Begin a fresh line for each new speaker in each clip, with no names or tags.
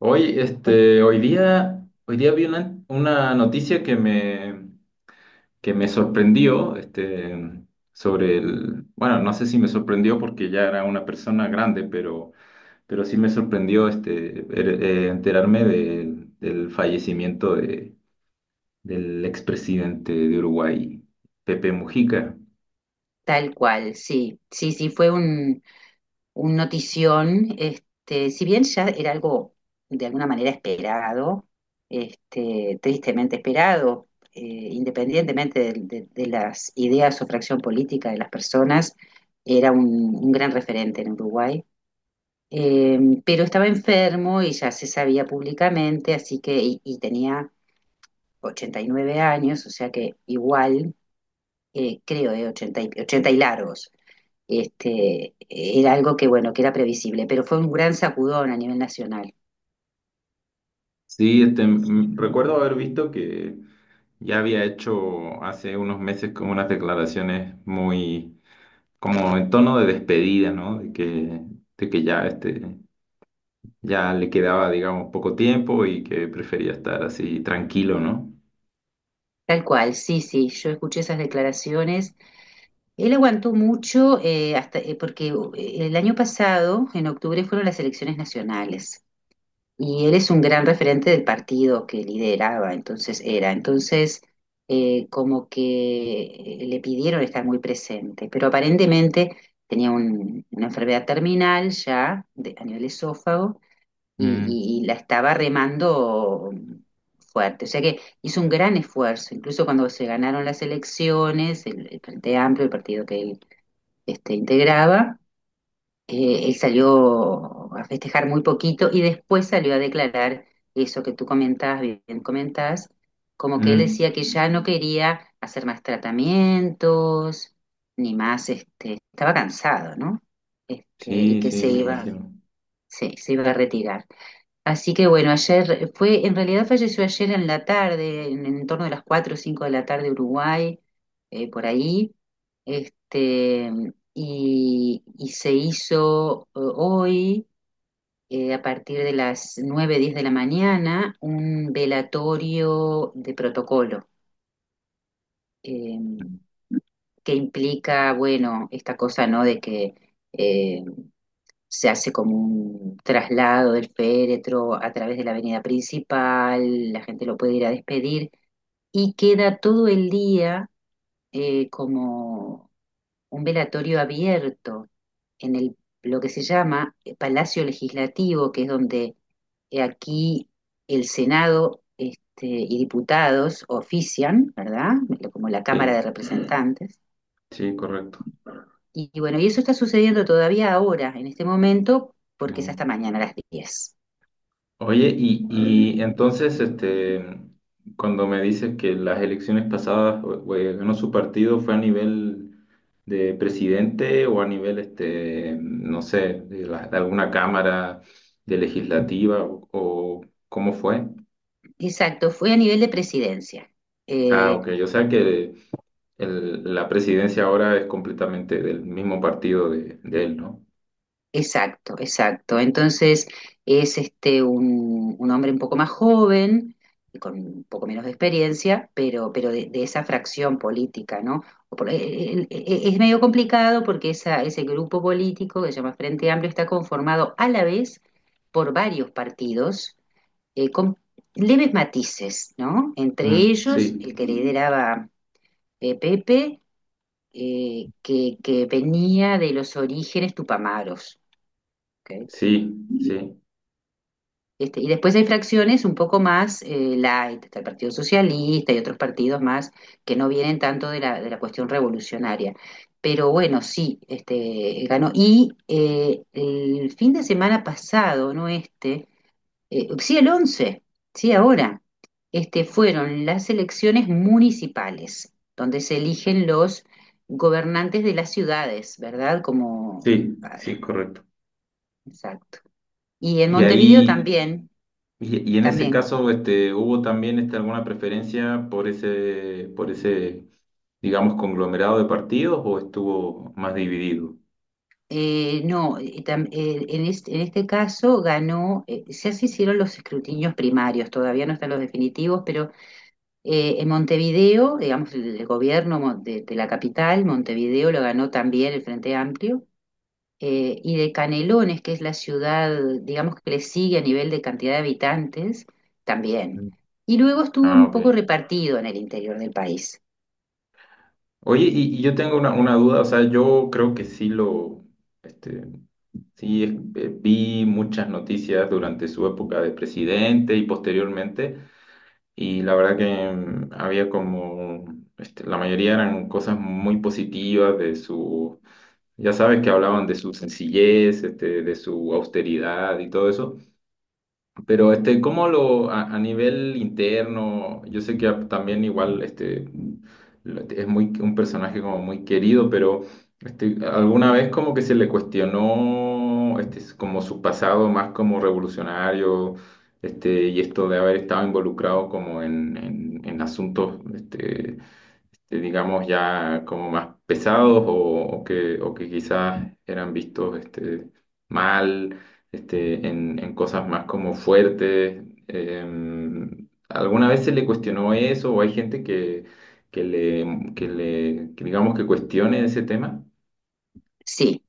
Hoy,
Fue
este, hoy día, hoy día vi una noticia que me sorprendió, bueno, no sé si me sorprendió porque ya era una persona grande, pero sí me sorprendió, enterarme del fallecimiento del expresidente de Uruguay, Pepe Mujica.
Tal cual, sí, sí, sí, fue un notición, si bien ya era algo de alguna manera esperado, tristemente esperado, independientemente de, de las ideas o fracción política de las personas, era un gran referente en Uruguay. Eh, pero estaba enfermo y ya se sabía públicamente, así que, y tenía 89 años, o sea que igual, creo, 80 y largos. Era algo que, bueno, que era previsible, pero fue un gran sacudón a nivel nacional.
Sí, recuerdo haber visto que ya había hecho hace unos meses como unas declaraciones muy como en tono de despedida, ¿no? De que ya le quedaba, digamos, poco tiempo y que prefería estar así tranquilo, ¿no?
Tal cual, sí, sí, yo escuché esas declaraciones. Él aguantó mucho hasta, porque el año pasado, en octubre, fueron las elecciones nacionales y él es un gran referente del partido que lideraba, entonces era. Entonces, como que le pidieron estar muy presente, pero aparentemente tenía una enfermedad terminal ya a nivel esófago
Mm,
y la estaba remando fuerte. O sea que hizo un gran esfuerzo, incluso cuando se ganaron las elecciones, el Frente Amplio, el partido que él integraba, él salió a festejar muy poquito y después salió a declarar eso que tú comentás, bien comentás, como que él
mm,
decía que ya no quería hacer más tratamientos, ni más, estaba cansado, ¿no? Y
sí,
que
sí,
se
me
iba,
imagino.
sí, se iba a retirar. Así que bueno, en realidad falleció ayer en la tarde, en torno de las 4 o 5 de la tarde Uruguay, por ahí, este, y se hizo hoy, a partir de las 9:10 de la mañana, un velatorio de protocolo, eh,
Mm.
que implica, bueno, esta cosa, ¿no? Eh, Se hace como un traslado del féretro a través de la avenida principal, la gente lo puede ir a despedir y queda todo el día como un velatorio abierto en lo que se llama Palacio Legislativo, que es donde aquí el Senado y diputados ofician, ¿verdad? Como la Cámara de
Sí,
Representantes.
sí, correcto.
Y bueno, y eso está sucediendo todavía ahora, en este momento, porque es hasta
Mm.
mañana a las 10.
Oye, y entonces, cuando me dices que las elecciones pasadas ganó su partido, ¿fue a nivel de presidente o a nivel, no sé, de alguna cámara de legislativa o cómo fue?
Exacto, fue a nivel de presidencia.
Ah,
Eh,
ok, o sea que la presidencia ahora es completamente del mismo partido de él, ¿no?
exacto, exacto. Entonces es un hombre un poco más joven, con un poco menos de experiencia, pero de esa fracción política, ¿no? Es medio complicado porque ese grupo político que se llama Frente Amplio está conformado a la vez por varios partidos, con leves matices, ¿no? Entre
Mm,
ellos,
sí,
el que lideraba Pepe, que venía de los orígenes tupamaros. ¿Ok?
sí, sí,
Y después hay fracciones un poco más light, está el Partido Socialista y otros partidos más que no vienen tanto de la cuestión revolucionaria. Pero bueno, sí, ganó. Y el fin de semana pasado, no sí, el 11. Sí, ahora, fueron las elecciones municipales, donde se eligen los gobernantes de las ciudades, ¿verdad? Como,
sí,
ah,
sí, correcto.
exacto. Y en
Y
Montevideo
ahí.
también,
Y en ese
también.
caso, ¿hubo también alguna preferencia por ese, digamos, conglomerado de partidos o estuvo más dividido?
No, en este caso ganó, ya se hicieron los escrutinios primarios, todavía no están los definitivos, pero en Montevideo, digamos, el gobierno de la capital, Montevideo lo ganó también el Frente Amplio, y de Canelones, que es la ciudad, digamos, que le sigue a nivel de cantidad de habitantes, también.
Mm.
Y luego estuvo
Ah,
un
ok.
poco repartido en el interior del país.
Oye, y yo tengo una duda, o sea, yo creo que sí lo, este, sí es- vi muchas noticias durante su época de presidente y posteriormente, y la verdad que había como, la mayoría eran cosas muy positivas de sus Ya sabes que hablaban de su sencillez, de su austeridad y todo eso. Pero ¿cómo a nivel interno? Yo sé que también igual es muy un personaje como muy querido, pero alguna vez como que se le cuestionó como su pasado más como revolucionario, y esto de haber estado involucrado como en asuntos digamos ya como más pesados o, o que quizás eran vistos mal en cosas más como fuertes. ¿Alguna vez se le cuestionó eso o hay gente que digamos que cuestione ese tema?
Sí,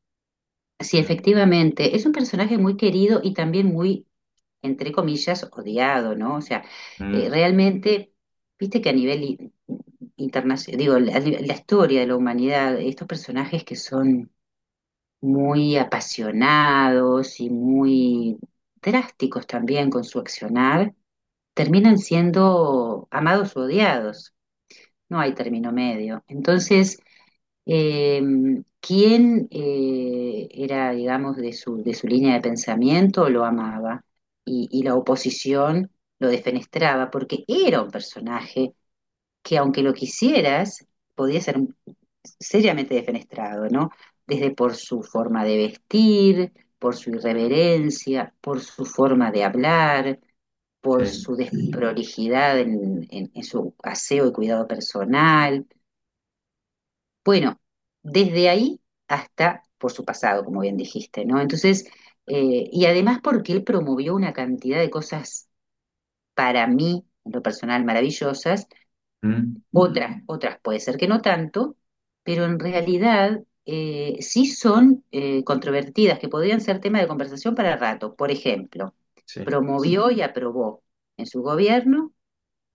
sí,
Mm,
efectivamente. Es un personaje muy querido y también muy, entre comillas, odiado, ¿no? O sea,
mm,
realmente, viste que a nivel internacional, digo, la historia de la humanidad, estos personajes que son muy apasionados y muy drásticos también con su accionar, terminan siendo amados o odiados, no hay término medio. Entonces, eh, ¿quién era, digamos, de su línea de pensamiento lo amaba? Y la oposición lo defenestraba porque era un personaje que aunque lo quisieras, podía ser seriamente defenestrado, ¿no? Desde por su forma de vestir, por su irreverencia, por su forma de hablar, por
sí,
su desprolijidad en su aseo y cuidado personal. Bueno, desde ahí hasta por su pasado, como bien dijiste, ¿no? Entonces, y además porque él promovió una cantidad de cosas para mí, en lo personal, maravillosas,
mm,
otras, otras puede ser que no tanto, pero en realidad sí son controvertidas, que podrían ser tema de conversación para rato. Por ejemplo,
sí,
promovió y aprobó en su gobierno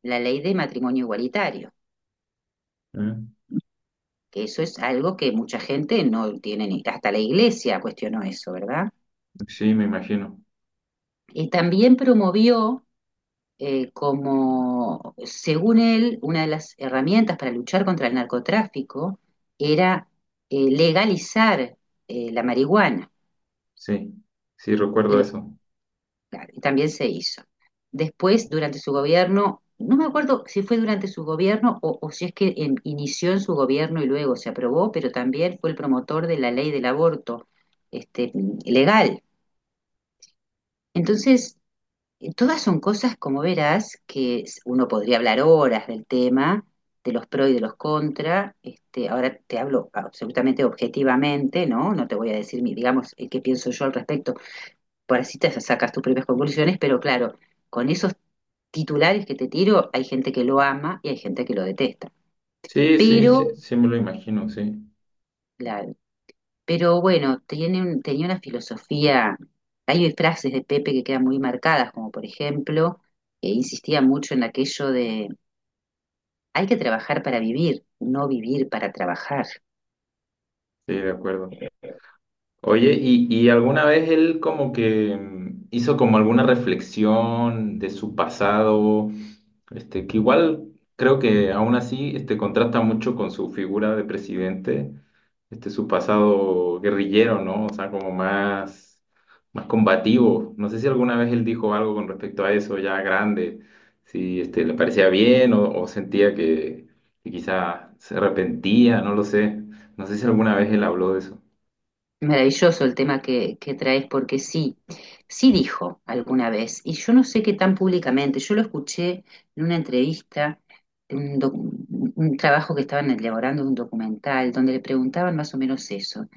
la ley de matrimonio igualitario,
mm,
que eso es algo que mucha gente no tiene ni, hasta la iglesia cuestionó eso, ¿verdad?
sí, me imagino,
Y también promovió como, según él, una de las herramientas para luchar contra el narcotráfico era legalizar la marihuana.
sí, sí,
Y
recuerdo
lo-
eso.
Claro, y también se hizo. Después, durante su gobierno, no me acuerdo si fue durante su gobierno o si es que inició en su gobierno y luego se aprobó, pero también fue el promotor de la ley del aborto, este, legal. Entonces, todas son cosas, como verás, que uno podría hablar horas del tema, de los pro y de los contra. Ahora te hablo absolutamente objetivamente, ¿no? No te voy a decir, digamos, qué pienso yo al respecto por así te sacas tus propias conclusiones, pero claro, con esos titulares que te tiro, hay gente que lo ama y hay gente que lo detesta.
Sí, sí,
Pero,
sí, sí me lo imagino, sí,
claro, pero bueno, tenía una filosofía, hay frases de Pepe que quedan muy marcadas, como por ejemplo, que insistía mucho en aquello de hay que trabajar para vivir, no vivir para trabajar.
sí, de acuerdo. Oye, ¿y alguna vez él como que hizo como alguna reflexión de su pasado? Que igual creo que aún así contrasta mucho con su figura de presidente, su pasado guerrillero, ¿no? O sea, como más, combativo. No sé si alguna vez él dijo algo con respecto a eso ya grande, si le parecía bien o sentía que quizá se arrepentía, no lo sé. No sé si alguna vez él habló de eso.
Maravilloso el tema que traes, porque sí, sí dijo alguna vez, y yo no sé qué tan públicamente, yo lo escuché en una entrevista, en un trabajo que estaban elaborando de un documental, donde le preguntaban más o menos eso,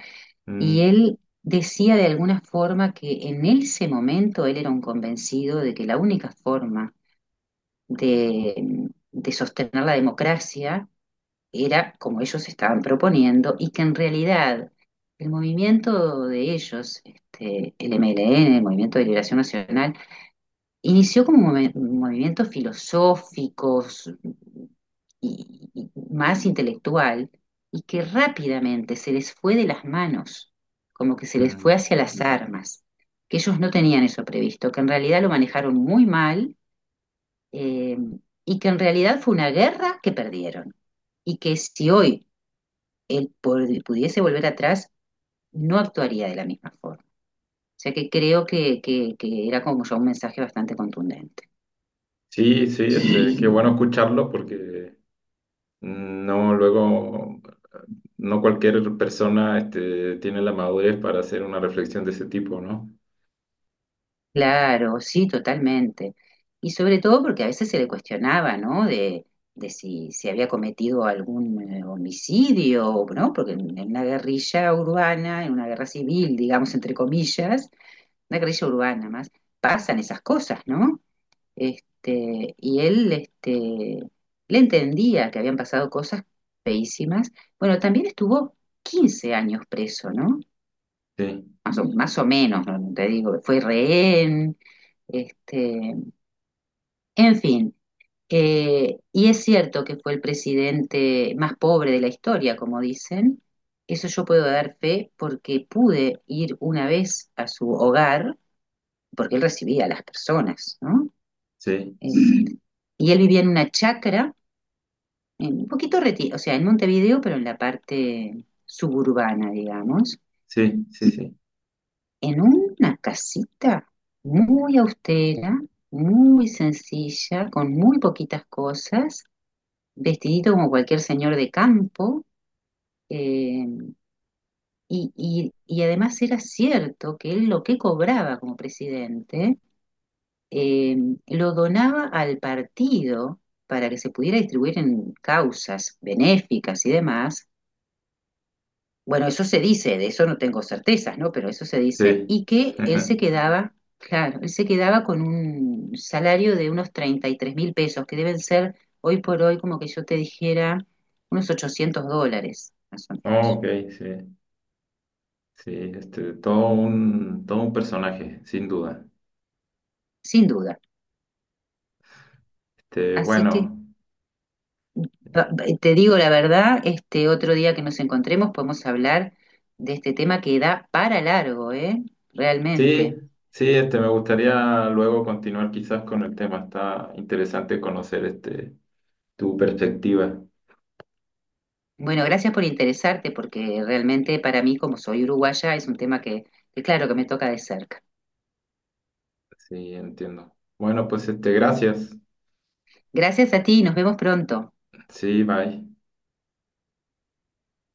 y
Mm.
él decía de alguna forma que en ese momento él era un convencido de que la única forma de sostener la democracia era como ellos estaban proponiendo y que en realidad el movimiento de ellos, el MLN, el Movimiento de Liberación Nacional, inició como un movimiento filosófico y más intelectual y que rápidamente se les fue de las manos, como que se les fue
Mm.
hacia las armas, que ellos no tenían eso previsto, que en realidad lo manejaron muy mal eh, y que en realidad fue una guerra que perdieron. Y que si hoy él pudiese volver atrás, no actuaría de la misma forma. O sea que creo que era como ya un mensaje bastante contundente.
Sí, sí,
Sí.
qué bueno escucharlo porque no luego no cualquier persona tiene la madurez para hacer una reflexión de ese tipo, ¿no?
Claro, sí, totalmente. Y sobre todo porque a veces se le cuestionaba, ¿no? De si había cometido algún homicidio, ¿no? Porque en una guerrilla urbana, en una guerra civil, digamos, entre comillas, una guerrilla urbana más, pasan esas cosas, ¿no? Y él le entendía que habían pasado cosas feísimas. Bueno, también estuvo 15 años preso, ¿no?
Sí,
Más o menos, ¿no? No te digo, fue rehén, este, en fin. Y es cierto que fue el presidente más pobre de la historia, como dicen. Eso yo puedo dar fe porque pude ir una vez a su hogar, porque él recibía a las personas, ¿no?
sí,
Eh, y él vivía en una chacra un poquito retirado, o sea, en Montevideo, pero en la parte suburbana, digamos,
sí, sí, sí,
en una casita muy austera, muy sencilla, con muy poquitas cosas, vestidito como cualquier señor de campo, eh, y además era cierto que él lo que cobraba como presidente, eh, lo donaba al partido para que se pudiera distribuir en causas benéficas y demás, bueno, eso se dice, de eso no tengo certezas, ¿no? Pero eso se dice,
sí.
y que él se quedaba, claro, él se quedaba con un salario de unos 33.000 pesos, que deben ser hoy por hoy, como que yo te dijera, unos 800 dólares, más o
Oh,
menos,
ok, sí, sí, todo un personaje, sin duda.
sin duda.
Este,
Así que
bueno,
te digo la verdad, este otro día que nos encontremos podemos hablar de este tema que da para largo, ¿eh?
sí,
Realmente.
sí, me gustaría luego continuar quizás con el tema. Está interesante conocer tu perspectiva.
Bueno, gracias por interesarte porque realmente para mí, como soy uruguaya, es un tema que claro que me toca de cerca.
Sí, entiendo. Bueno, pues gracias.
Gracias a ti, nos vemos pronto.
Sí, bye.